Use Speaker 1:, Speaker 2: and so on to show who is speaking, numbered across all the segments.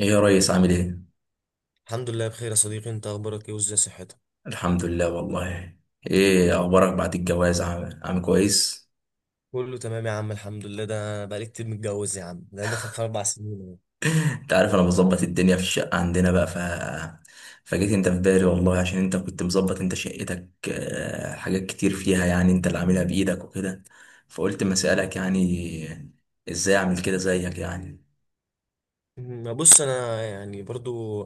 Speaker 1: ايه يا ريس، عامل ايه؟
Speaker 2: الحمد لله بخير يا صديقي. انت اخبارك ايه وازاي صحتك؟
Speaker 1: الحمد لله والله. ايه اخبارك بعد الجواز، عامل كويس؟
Speaker 2: كله تمام يا عم، الحمد لله. ده بقالي كتير متجوز يا عم، ده انا داخل في 4 سنين اهو.
Speaker 1: انت عارف انا بظبط الدنيا في الشقة عندنا بقى فجيت انت في بالي والله، عشان انت كنت مظبط انت شقتك، حاجات كتير فيها يعني انت اللي عاملها بايدك وكده. فقلت ما اسألك يعني ازاي اعمل كده زيك يعني.
Speaker 2: ما بص، انا يعني برضو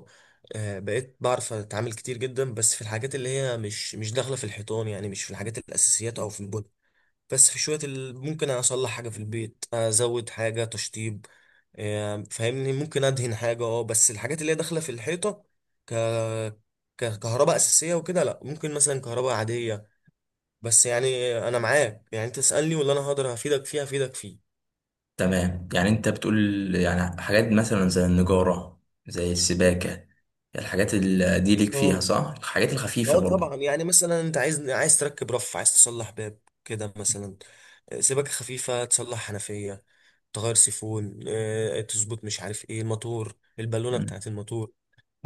Speaker 2: بقيت بعرف اتعامل كتير جدا، بس في الحاجات اللي هي مش داخله في الحيطان، يعني مش في الحاجات الاساسيات او في البن. بس في شويه ممكن اصلح حاجه في البيت، ازود حاجه تشطيب. فاهمني، ممكن ادهن حاجه، بس الحاجات اللي هي داخله في الحيطه ك كهرباء اساسيه وكده، لا. ممكن مثلا كهرباء عاديه. بس يعني انا معاك، يعني تسالني ولا انا هقدر هفيدك فيه هفيدك فيه.
Speaker 1: تمام، يعني انت بتقول يعني حاجات مثلا زي النجارة، زي السباكة. الحاجات اللي دي ليك فيها
Speaker 2: اه،
Speaker 1: صح؟ الحاجات الخفيفة
Speaker 2: اه
Speaker 1: برضه.
Speaker 2: طبعا. يعني مثلا انت عايز، تركب رف، عايز تصلح باب كده مثلا. سباكه خفيفه، تصلح حنفيه، تغير سيفون، تظبط مش عارف ايه، الموتور، البالونه
Speaker 1: مم.
Speaker 2: بتاعت الموتور.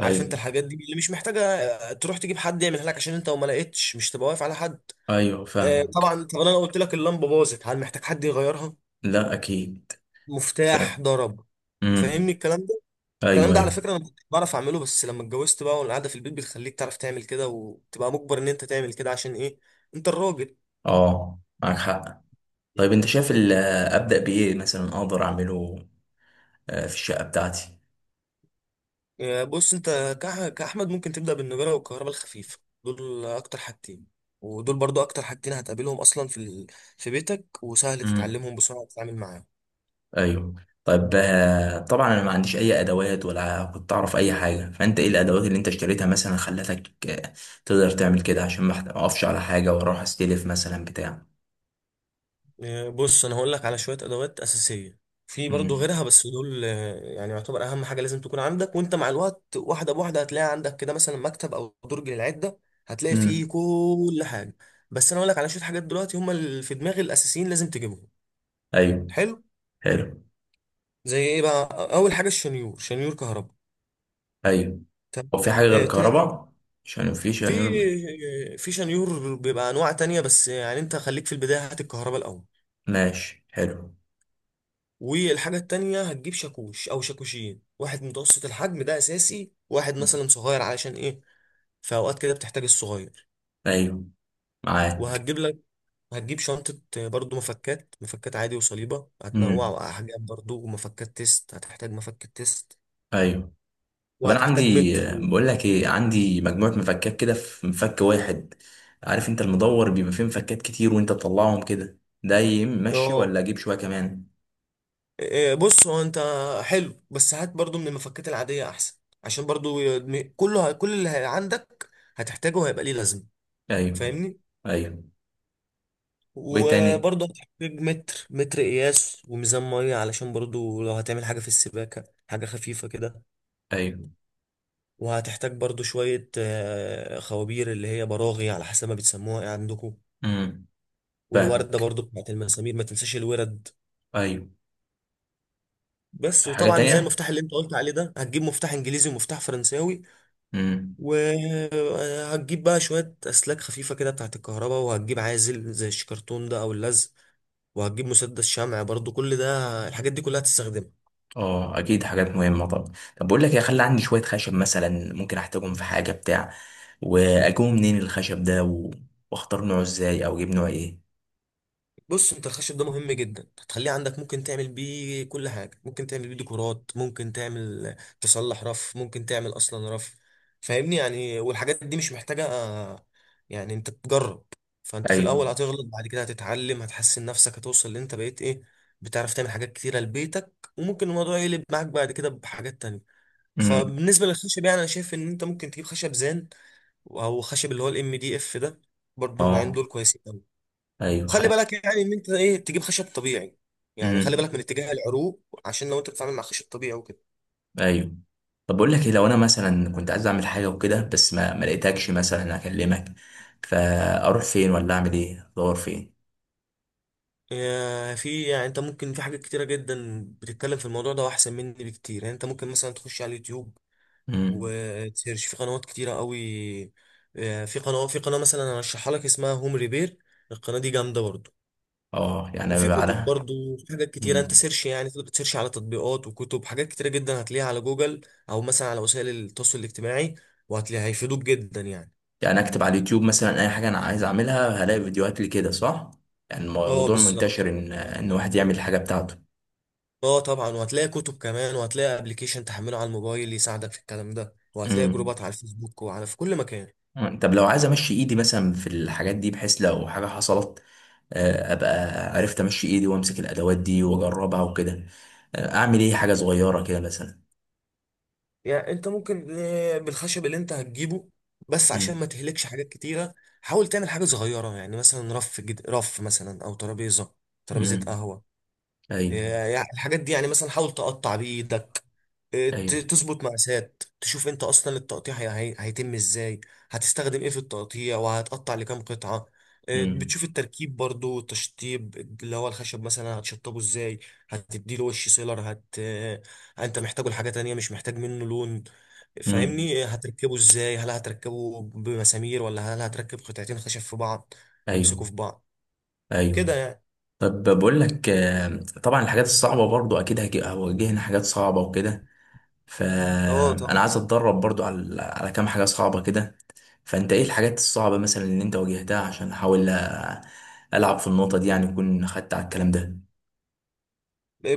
Speaker 2: عارف انت الحاجات دي اللي مش محتاجه تروح تجيب حد يعملها لك، عشان انت وما لقيتش مش تبقى واقف على حد.
Speaker 1: ايوه، فاهمك.
Speaker 2: طبعا. طب انا لو قلت لك اللمبه باظت، هل محتاج حد يغيرها؟
Speaker 1: لا اكيد.
Speaker 2: مفتاح
Speaker 1: فاهم.
Speaker 2: ضرب،
Speaker 1: امم.
Speaker 2: فاهمني الكلام ده؟ الكلام
Speaker 1: ايوه،
Speaker 2: ده على
Speaker 1: ايوه.
Speaker 2: فكرة انا كنت بعرف اعمله، بس لما اتجوزت بقى والقعدة في البيت بتخليك تعرف تعمل كده، وتبقى مجبر ان انت تعمل كده. عشان ايه؟ انت الراجل.
Speaker 1: اه، معاك حق. طيب، انت شايف ابدا بايه مثلا اقدر اعمله في الشقه بتاعتي.
Speaker 2: بص، انت كأحمد ممكن تبدأ بالنجارة والكهرباء الخفيفة. دول اكتر حاجتين، ودول برضو اكتر حاجتين هتقابلهم اصلا في في بيتك، وسهل
Speaker 1: امم.
Speaker 2: تتعلمهم بسرعة وتتعامل معاهم.
Speaker 1: ايوه. طيب، طبعا انا ما عنديش اي ادوات ولا كنت اعرف اي حاجه، فانت ايه الادوات اللي انت اشتريتها مثلا خلتك تقدر تعمل كده، عشان ما اقفش على حاجه واروح استلف مثلا بتاع.
Speaker 2: بص، انا هقول لك على شويه ادوات اساسيه. في برضو
Speaker 1: امم.
Speaker 2: غيرها، بس دول يعني يعتبر اهم حاجه لازم تكون عندك، وانت مع الوقت واحده بواحده هتلاقي عندك كده مثلا مكتب او درج للعده، هتلاقي فيه
Speaker 1: امم.
Speaker 2: كل حاجه. بس انا هقول لك على شويه حاجات دلوقتي هم اللي في دماغي الاساسيين، لازم تجيبهم.
Speaker 1: ايوه.
Speaker 2: حلو.
Speaker 1: حلو.
Speaker 2: زي ايه بقى؟ اول حاجه الشنيور، شنيور كهرباء.
Speaker 1: ايوه.
Speaker 2: تمام.
Speaker 1: هو في حاجه غير
Speaker 2: تاني حاجه،
Speaker 1: الكهرباء؟ عشان مفيش يعني.
Speaker 2: في في شنيور بيبقى انواع تانية، بس يعني انت خليك في البدايه، هات الكهرباء الاول.
Speaker 1: ماشي، حلو.
Speaker 2: والحاجة التانية هتجيب شاكوش أو شاكوشين، واحد متوسط الحجم ده أساسي، واحد مثلا صغير. علشان إيه؟ في أوقات كده بتحتاج الصغير.
Speaker 1: ايوه، معاك.
Speaker 2: وهتجيب لك هتجيب شنطة برضو مفكات عادي وصليبة،
Speaker 1: امم.
Speaker 2: هتنوع أحجام برضو، ومفكات تيست، هتحتاج مفك التيست.
Speaker 1: ايوه. طب انا عندي
Speaker 2: وهتحتاج متر.
Speaker 1: بقول لك ايه، عندي مجموعه مفكات كده في مفك واحد. عارف انت المدور بيبقى فيه مفكات كتير وانت تطلعهم كده، ده يمشي
Speaker 2: اه.
Speaker 1: ولا اجيب شويه كمان؟
Speaker 2: بص هو انت، حلو، بس هات برضو من المفكات العادية أحسن، عشان برضو كل اللي عندك هتحتاجه هيبقى ليه لازمة،
Speaker 1: ايوه.
Speaker 2: فاهمني.
Speaker 1: ايوه. وايه تاني؟
Speaker 2: وبرضه هتحتاج متر، متر قياس، وميزان ميه، علشان برضه لو هتعمل حاجة في السباكة حاجة خفيفة كده.
Speaker 1: ايوه.
Speaker 2: وهتحتاج برضه شوية خوابير، اللي هي براغي على حسب ما بتسموها ايه عندكم.
Speaker 1: امم.
Speaker 2: والوردة
Speaker 1: فاهمك.
Speaker 2: برضه بتاعت المسامير، ما تنساش الورد.
Speaker 1: ايوه.
Speaker 2: بس
Speaker 1: حاجه
Speaker 2: وطبعا زي
Speaker 1: تانية.
Speaker 2: المفتاح اللي انت قلت عليه ده، هتجيب مفتاح انجليزي ومفتاح فرنساوي.
Speaker 1: امم.
Speaker 2: وهتجيب بقى شوية اسلاك خفيفة كده بتاعت الكهرباء، وهتجيب عازل زي الشكرتون ده او اللزق، وهتجيب مسدس شمع برضه. كل ده الحاجات دي كلها هتستخدمها.
Speaker 1: اه، اكيد حاجات مهمه طبعا. طب بقول لك يا، خلي عندي شويه خشب مثلا ممكن احتاجهم في حاجه بتاع. واجيبه منين الخشب ده واختار نوعه ازاي او اجيب نوع ايه؟
Speaker 2: بص، انت الخشب ده مهم جدا، هتخليه عندك. ممكن تعمل بيه كل حاجه، ممكن تعمل بيه ديكورات، ممكن تعمل، تصلح رف، ممكن تعمل اصلا رف، فاهمني. يعني والحاجات دي مش محتاجه يعني انت تجرب. فانت في الاول
Speaker 1: ايوه.
Speaker 2: هتغلط، بعد كده هتتعلم، هتحسن نفسك، هتوصل اللي انت بقيت ايه، بتعرف تعمل حاجات كتيره لبيتك. وممكن الموضوع يقلب معاك بعد كده بحاجات تانية.
Speaker 1: امم.
Speaker 2: فبالنسبه للخشب، يعني انا شايف ان انت ممكن تجيب خشب زان، او خشب اللي هو MDF ده. برضو النوعين
Speaker 1: اه.
Speaker 2: دول كويسين.
Speaker 1: ايوه،
Speaker 2: خلي
Speaker 1: حد.
Speaker 2: بالك يعني ان انت ايه، تجيب خشب طبيعي يعني، خلي
Speaker 1: امم.
Speaker 2: بالك من اتجاه العروق، عشان لو انت بتتعامل مع خشب طبيعي وكده.
Speaker 1: ايوه. طب بقول لك ايه، لو انا مثلا كنت عايز اعمل حاجه وكده بس ما لقيتكش مثلا اكلمك، فاروح فين ولا اعمل ايه، ادور فين؟
Speaker 2: يا في، يعني انت ممكن، في حاجات كتيره جدا بتتكلم في الموضوع ده واحسن مني بكتير، يعني انت ممكن مثلا تخش على اليوتيوب
Speaker 1: امم.
Speaker 2: وتسيرش في قنوات كتيره قوي. في قناه مثلا انا ارشحها لك، اسمها هوم ريبير. القناه دي جامده برضو.
Speaker 1: اه، يعني ابقى
Speaker 2: وفي كتب
Speaker 1: بعدها.
Speaker 2: برضو، في حاجات كتيره انت سيرش، يعني تقدر تسيرش على تطبيقات وكتب، حاجات كتيره جدا هتلاقيها على جوجل، او مثلا على وسائل التواصل الاجتماعي، وهتلاقيها هيفيدوك جدا يعني.
Speaker 1: يعني اكتب على اليوتيوب مثلا اي حاجه انا عايز اعملها هلاقي فيديوهات لكده صح؟ يعني
Speaker 2: اه،
Speaker 1: الموضوع
Speaker 2: بالظبط.
Speaker 1: منتشر ان واحد يعمل الحاجه بتاعته.
Speaker 2: اه طبعا، وهتلاقي كتب كمان، وهتلاقي ابلكيشن تحمله على الموبايل يساعدك في الكلام ده، وهتلاقي
Speaker 1: امم.
Speaker 2: جروبات على الفيسبوك وعلى، في كل مكان.
Speaker 1: طب لو عايز امشي ايدي مثلا في الحاجات دي، بحيث لو حاجه حصلت ابقى عرفت امشي ايدي وامسك الادوات دي واجربها وكده. اعمل ايه حاجه صغيره كده مثلا؟
Speaker 2: يعني انت ممكن بالخشب اللي انت هتجيبه، بس عشان ما
Speaker 1: امم.
Speaker 2: تهلكش حاجات كتيرة، حاول تعمل حاجة صغيرة، يعني مثلا رف مثلا، او ترابيزة، ترابيزة
Speaker 1: امم.
Speaker 2: قهوة.
Speaker 1: ايوه.
Speaker 2: يعني الحاجات دي، يعني مثلا حاول تقطع بإيدك
Speaker 1: ايوه.
Speaker 2: تظبط مقاسات، تشوف انت اصلا التقطيع هيتم ازاي، هتستخدم ايه في التقطيع، وهتقطع لكام قطعة.
Speaker 1: امم.
Speaker 2: بتشوف التركيب برضو والتشطيب، اللي هو الخشب مثلا هتشطبه ازاي، هتديله وش سيلر، هت آه، انت محتاجه لحاجة تانية، مش محتاج منه لون
Speaker 1: امم.
Speaker 2: فاهمني. هتركبه ازاي، هل هتركبه بمسامير، ولا هل هتركب قطعتين خشب في بعض
Speaker 1: ايوه.
Speaker 2: يمسكوا في بعض كده،
Speaker 1: ايوه.
Speaker 2: يعني.
Speaker 1: طب بقول لك، طبعا الحاجات الصعبه برضو اكيد هواجهنا حاجات صعبه وكده،
Speaker 2: اه
Speaker 1: فانا
Speaker 2: طبعا.
Speaker 1: عايز اتدرب برضو على كام حاجه صعبه كده. فانت ايه الحاجات الصعبه مثلا اللي انت واجهتها، عشان احاول العب في النقطه دي يعني، اكون خدت على الكلام ده.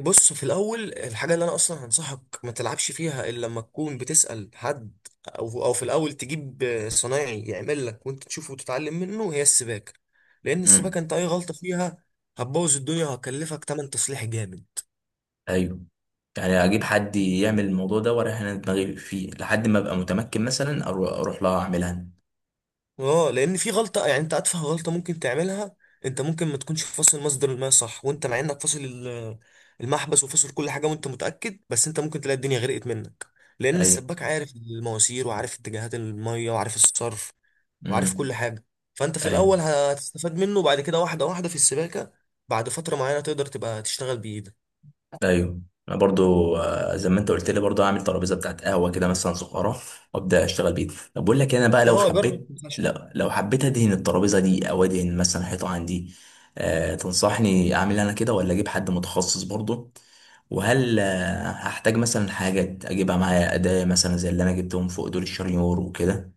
Speaker 2: بص، في الاول الحاجه اللي انا اصلا هنصحك ما تلعبش فيها الا لما تكون بتسال حد، او في الاول تجيب صنايعي يعمل لك وانت تشوفه وتتعلم منه، هي السباكه. لان السباكه
Speaker 1: امم.
Speaker 2: انت اي غلطه فيها هتبوظ الدنيا، وهكلفك تمن تصليح جامد.
Speaker 1: ايوه. يعني اجيب حد يعمل الموضوع ده واريح انا دماغي فيه لحد ما ابقى متمكن، مثلا اروح لها اعملها أنا.
Speaker 2: اه، لان في غلطه، يعني انت اتفه غلطه ممكن تعملها. انت ممكن ما تكونش فاصل مصدر الماء صح، وانت مع انك فاصل المحبس وفاصل كل حاجه وانت متاكد، بس انت ممكن تلاقي الدنيا غرقت منك. لان
Speaker 1: ايوه.
Speaker 2: السباك عارف المواسير، وعارف اتجاهات الميه، وعارف الصرف، وعارف
Speaker 1: امم.
Speaker 2: كل حاجة. فأنت في
Speaker 1: ايوه.
Speaker 2: الأول هتستفاد منه، وبعد كده واحدة واحدة في السباكة بعد فترة معينة تقدر تبقى تشتغل بإيدك.
Speaker 1: ايوه. انا برضو زي ما انت قلت لي برضو اعمل ترابيزه بتاعت قهوه كده مثلا صغيره وابدا اشتغل بيها. طب بقول لك إيه، انا بقى لو
Speaker 2: اه، جرب
Speaker 1: حبيت
Speaker 2: الخشب.
Speaker 1: لو, لو حبيت ادهن الترابيزه دي او ادهن مثلا حيطه عندي. تنصحني اعمل إيه انا كده ولا اجيب حد متخصص برضو؟ وهل هحتاج مثلا حاجه اجيبها معايا اداه مثلا زي اللي انا جبتهم فوق دول الشريور وكده؟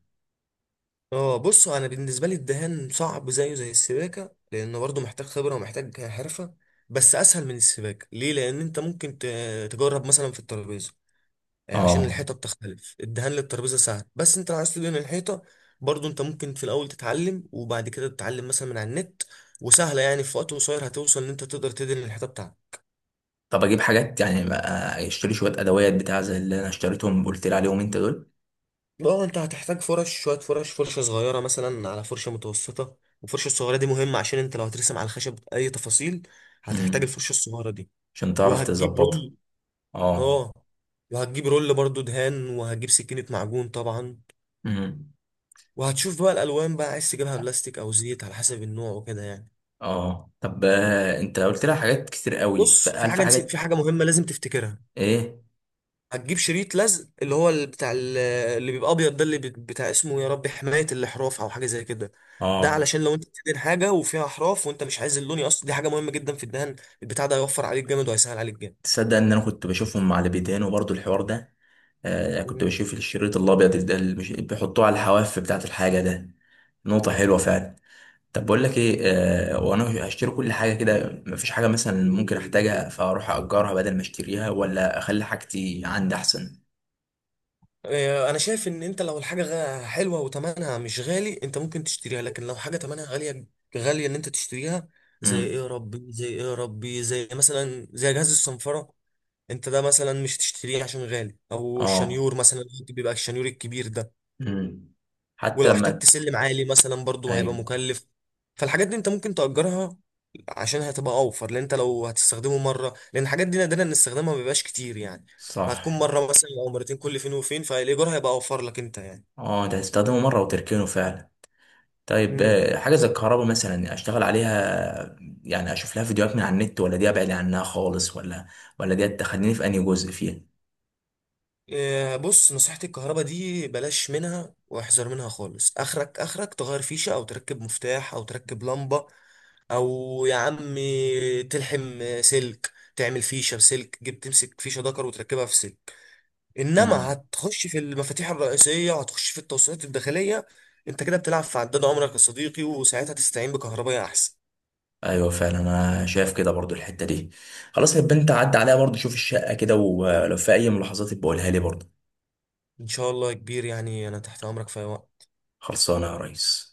Speaker 2: اه، بص، أنا بالنسبة لي الدهان صعب زيه زي السباكة، لأنه برضه محتاج خبرة ومحتاج حرفة. بس أسهل من السباكة. ليه؟ لأن أنت ممكن تجرب مثلا في الترابيزة. عشان
Speaker 1: اه.
Speaker 2: الحيطة بتختلف، الدهان للترابيزة سهل، بس أنت لو عايز تدهن الحيطة، برضه أنت ممكن في الأول تتعلم، وبعد كده تتعلم مثلا من على النت، وسهلة، يعني في وقت قصير هتوصل إن أنت تقدر تدهن الحيطة بتاعتك.
Speaker 1: طب اجيب حاجات يعني بقى، اشتري شويه ادوات بتاع زي اللي انا اشتريتهم قلت لي عليهم انت دول.
Speaker 2: اه، انت هتحتاج فرش، شويه فرش، فرشه صغيره مثلا على فرشه متوسطه. والفرشه الصغيره دي مهمه عشان انت لو هترسم على الخشب اي تفاصيل هتحتاج
Speaker 1: امم.
Speaker 2: الفرشه الصغيره دي.
Speaker 1: عشان تعرف
Speaker 2: وهتجيب
Speaker 1: تظبطها.
Speaker 2: رول.
Speaker 1: اه.
Speaker 2: اه. وهتجيب رول برضو دهان، وهتجيب سكينه معجون طبعا،
Speaker 1: امم.
Speaker 2: وهتشوف بقى الالوان بقى، عايز تجيبها بلاستيك او زيت على حسب النوع وكده يعني.
Speaker 1: اه. طب انت قلت لها حاجات كتير قوي،
Speaker 2: بص،
Speaker 1: فقال في
Speaker 2: في
Speaker 1: حاجات.
Speaker 2: حاجه مهمه لازم تفتكرها.
Speaker 1: ايه.
Speaker 2: هتجيب شريط لزق اللي هو بتاع اللي بيبقى ابيض ده، اللي بتاع اسمه يا ربي حماية الاحراف او حاجه زي كده. ده
Speaker 1: اه.
Speaker 2: علشان لو انت بتدهن حاجه وفيها احراف وانت مش عايز اللون يقص، دي حاجه مهمه جدا في الدهان. البتاع ده هيوفر عليك جامد وهيسهل عليك جامد.
Speaker 1: تصدق ان انا كنت بشوفهم على بيدانه برضو الحوار ده. كنت
Speaker 2: مم.
Speaker 1: بشوف الشريط الابيض ده اللي بيحطوه على الحواف بتاعه الحاجه ده. نقطه حلوه فعلا. طب بقول لك ايه، وانا هشتري كل حاجه كده مفيش حاجه مثلا ممكن احتاجها، فاروح اجرها بدل ما اشتريها ولا اخلي حاجتي عندي احسن؟
Speaker 2: انا شايف ان انت لو الحاجه حلوه وتمنها مش غالي انت ممكن تشتريها، لكن لو حاجه تمنها غاليه، غاليه ان انت تشتريها. زي ايه
Speaker 1: امم.
Speaker 2: يا ربي، زي ايه يا ربي، زي مثلا زي جهاز الصنفره، انت ده مثلا مش تشتريه عشان غالي، او
Speaker 1: اه.
Speaker 2: الشنيور مثلا، بيبقى الشنيور الكبير ده.
Speaker 1: امم. حتى
Speaker 2: ولو
Speaker 1: لما.
Speaker 2: احتجت سلم عالي مثلا برضو هيبقى
Speaker 1: ايوه.
Speaker 2: مكلف. فالحاجات دي انت ممكن تأجرها، عشان هتبقى اوفر. لان انت لو هتستخدمه مره، لان الحاجات دي نادرا ان استخدامها ما بيبقاش كتير يعني، هتكون
Speaker 1: صح.
Speaker 2: مره مثلا او مرتين كل فين وفين، فالايجار هيبقى اوفر لك انت يعني.
Speaker 1: اه، ده تستخدمه مرة وتركنه فعلا. طيب،
Speaker 2: امم
Speaker 1: حاجة زي الكهرباء مثلا يعني اشتغل عليها؟ يعني اشوف لها فيديوهات من على النت، ولا دي ابعد عنها خالص، ولا ولا دي تخليني في انهي جزء فيها؟
Speaker 2: بص، نصيحة، الكهرباء دي بلاش منها واحذر منها خالص. اخرك، تغير فيشة، او تركب مفتاح، او تركب لمبة، او يا عم تلحم سلك، تعمل فيشة بسلك، جبت تمسك فيشة دكر وتركبها في سلك. انما
Speaker 1: امم.
Speaker 2: هتخش في المفاتيح الرئيسيه، هتخش في التوصيلات الداخليه، انت كده بتلعب في عداد عمرك يا صديقي، وساعتها تستعين بكهربائي احسن.
Speaker 1: ايوه فعلا، انا شايف كده برضو الحتة دي. خلاص، يبقى انت عدى عليها برضو شوف الشقة كده ولو في اي ملاحظات بقولها لي برضو.
Speaker 2: ان شاء الله يا كبير، يعني انا تحت امرك في أي وقت.
Speaker 1: خلصانة يا ريس.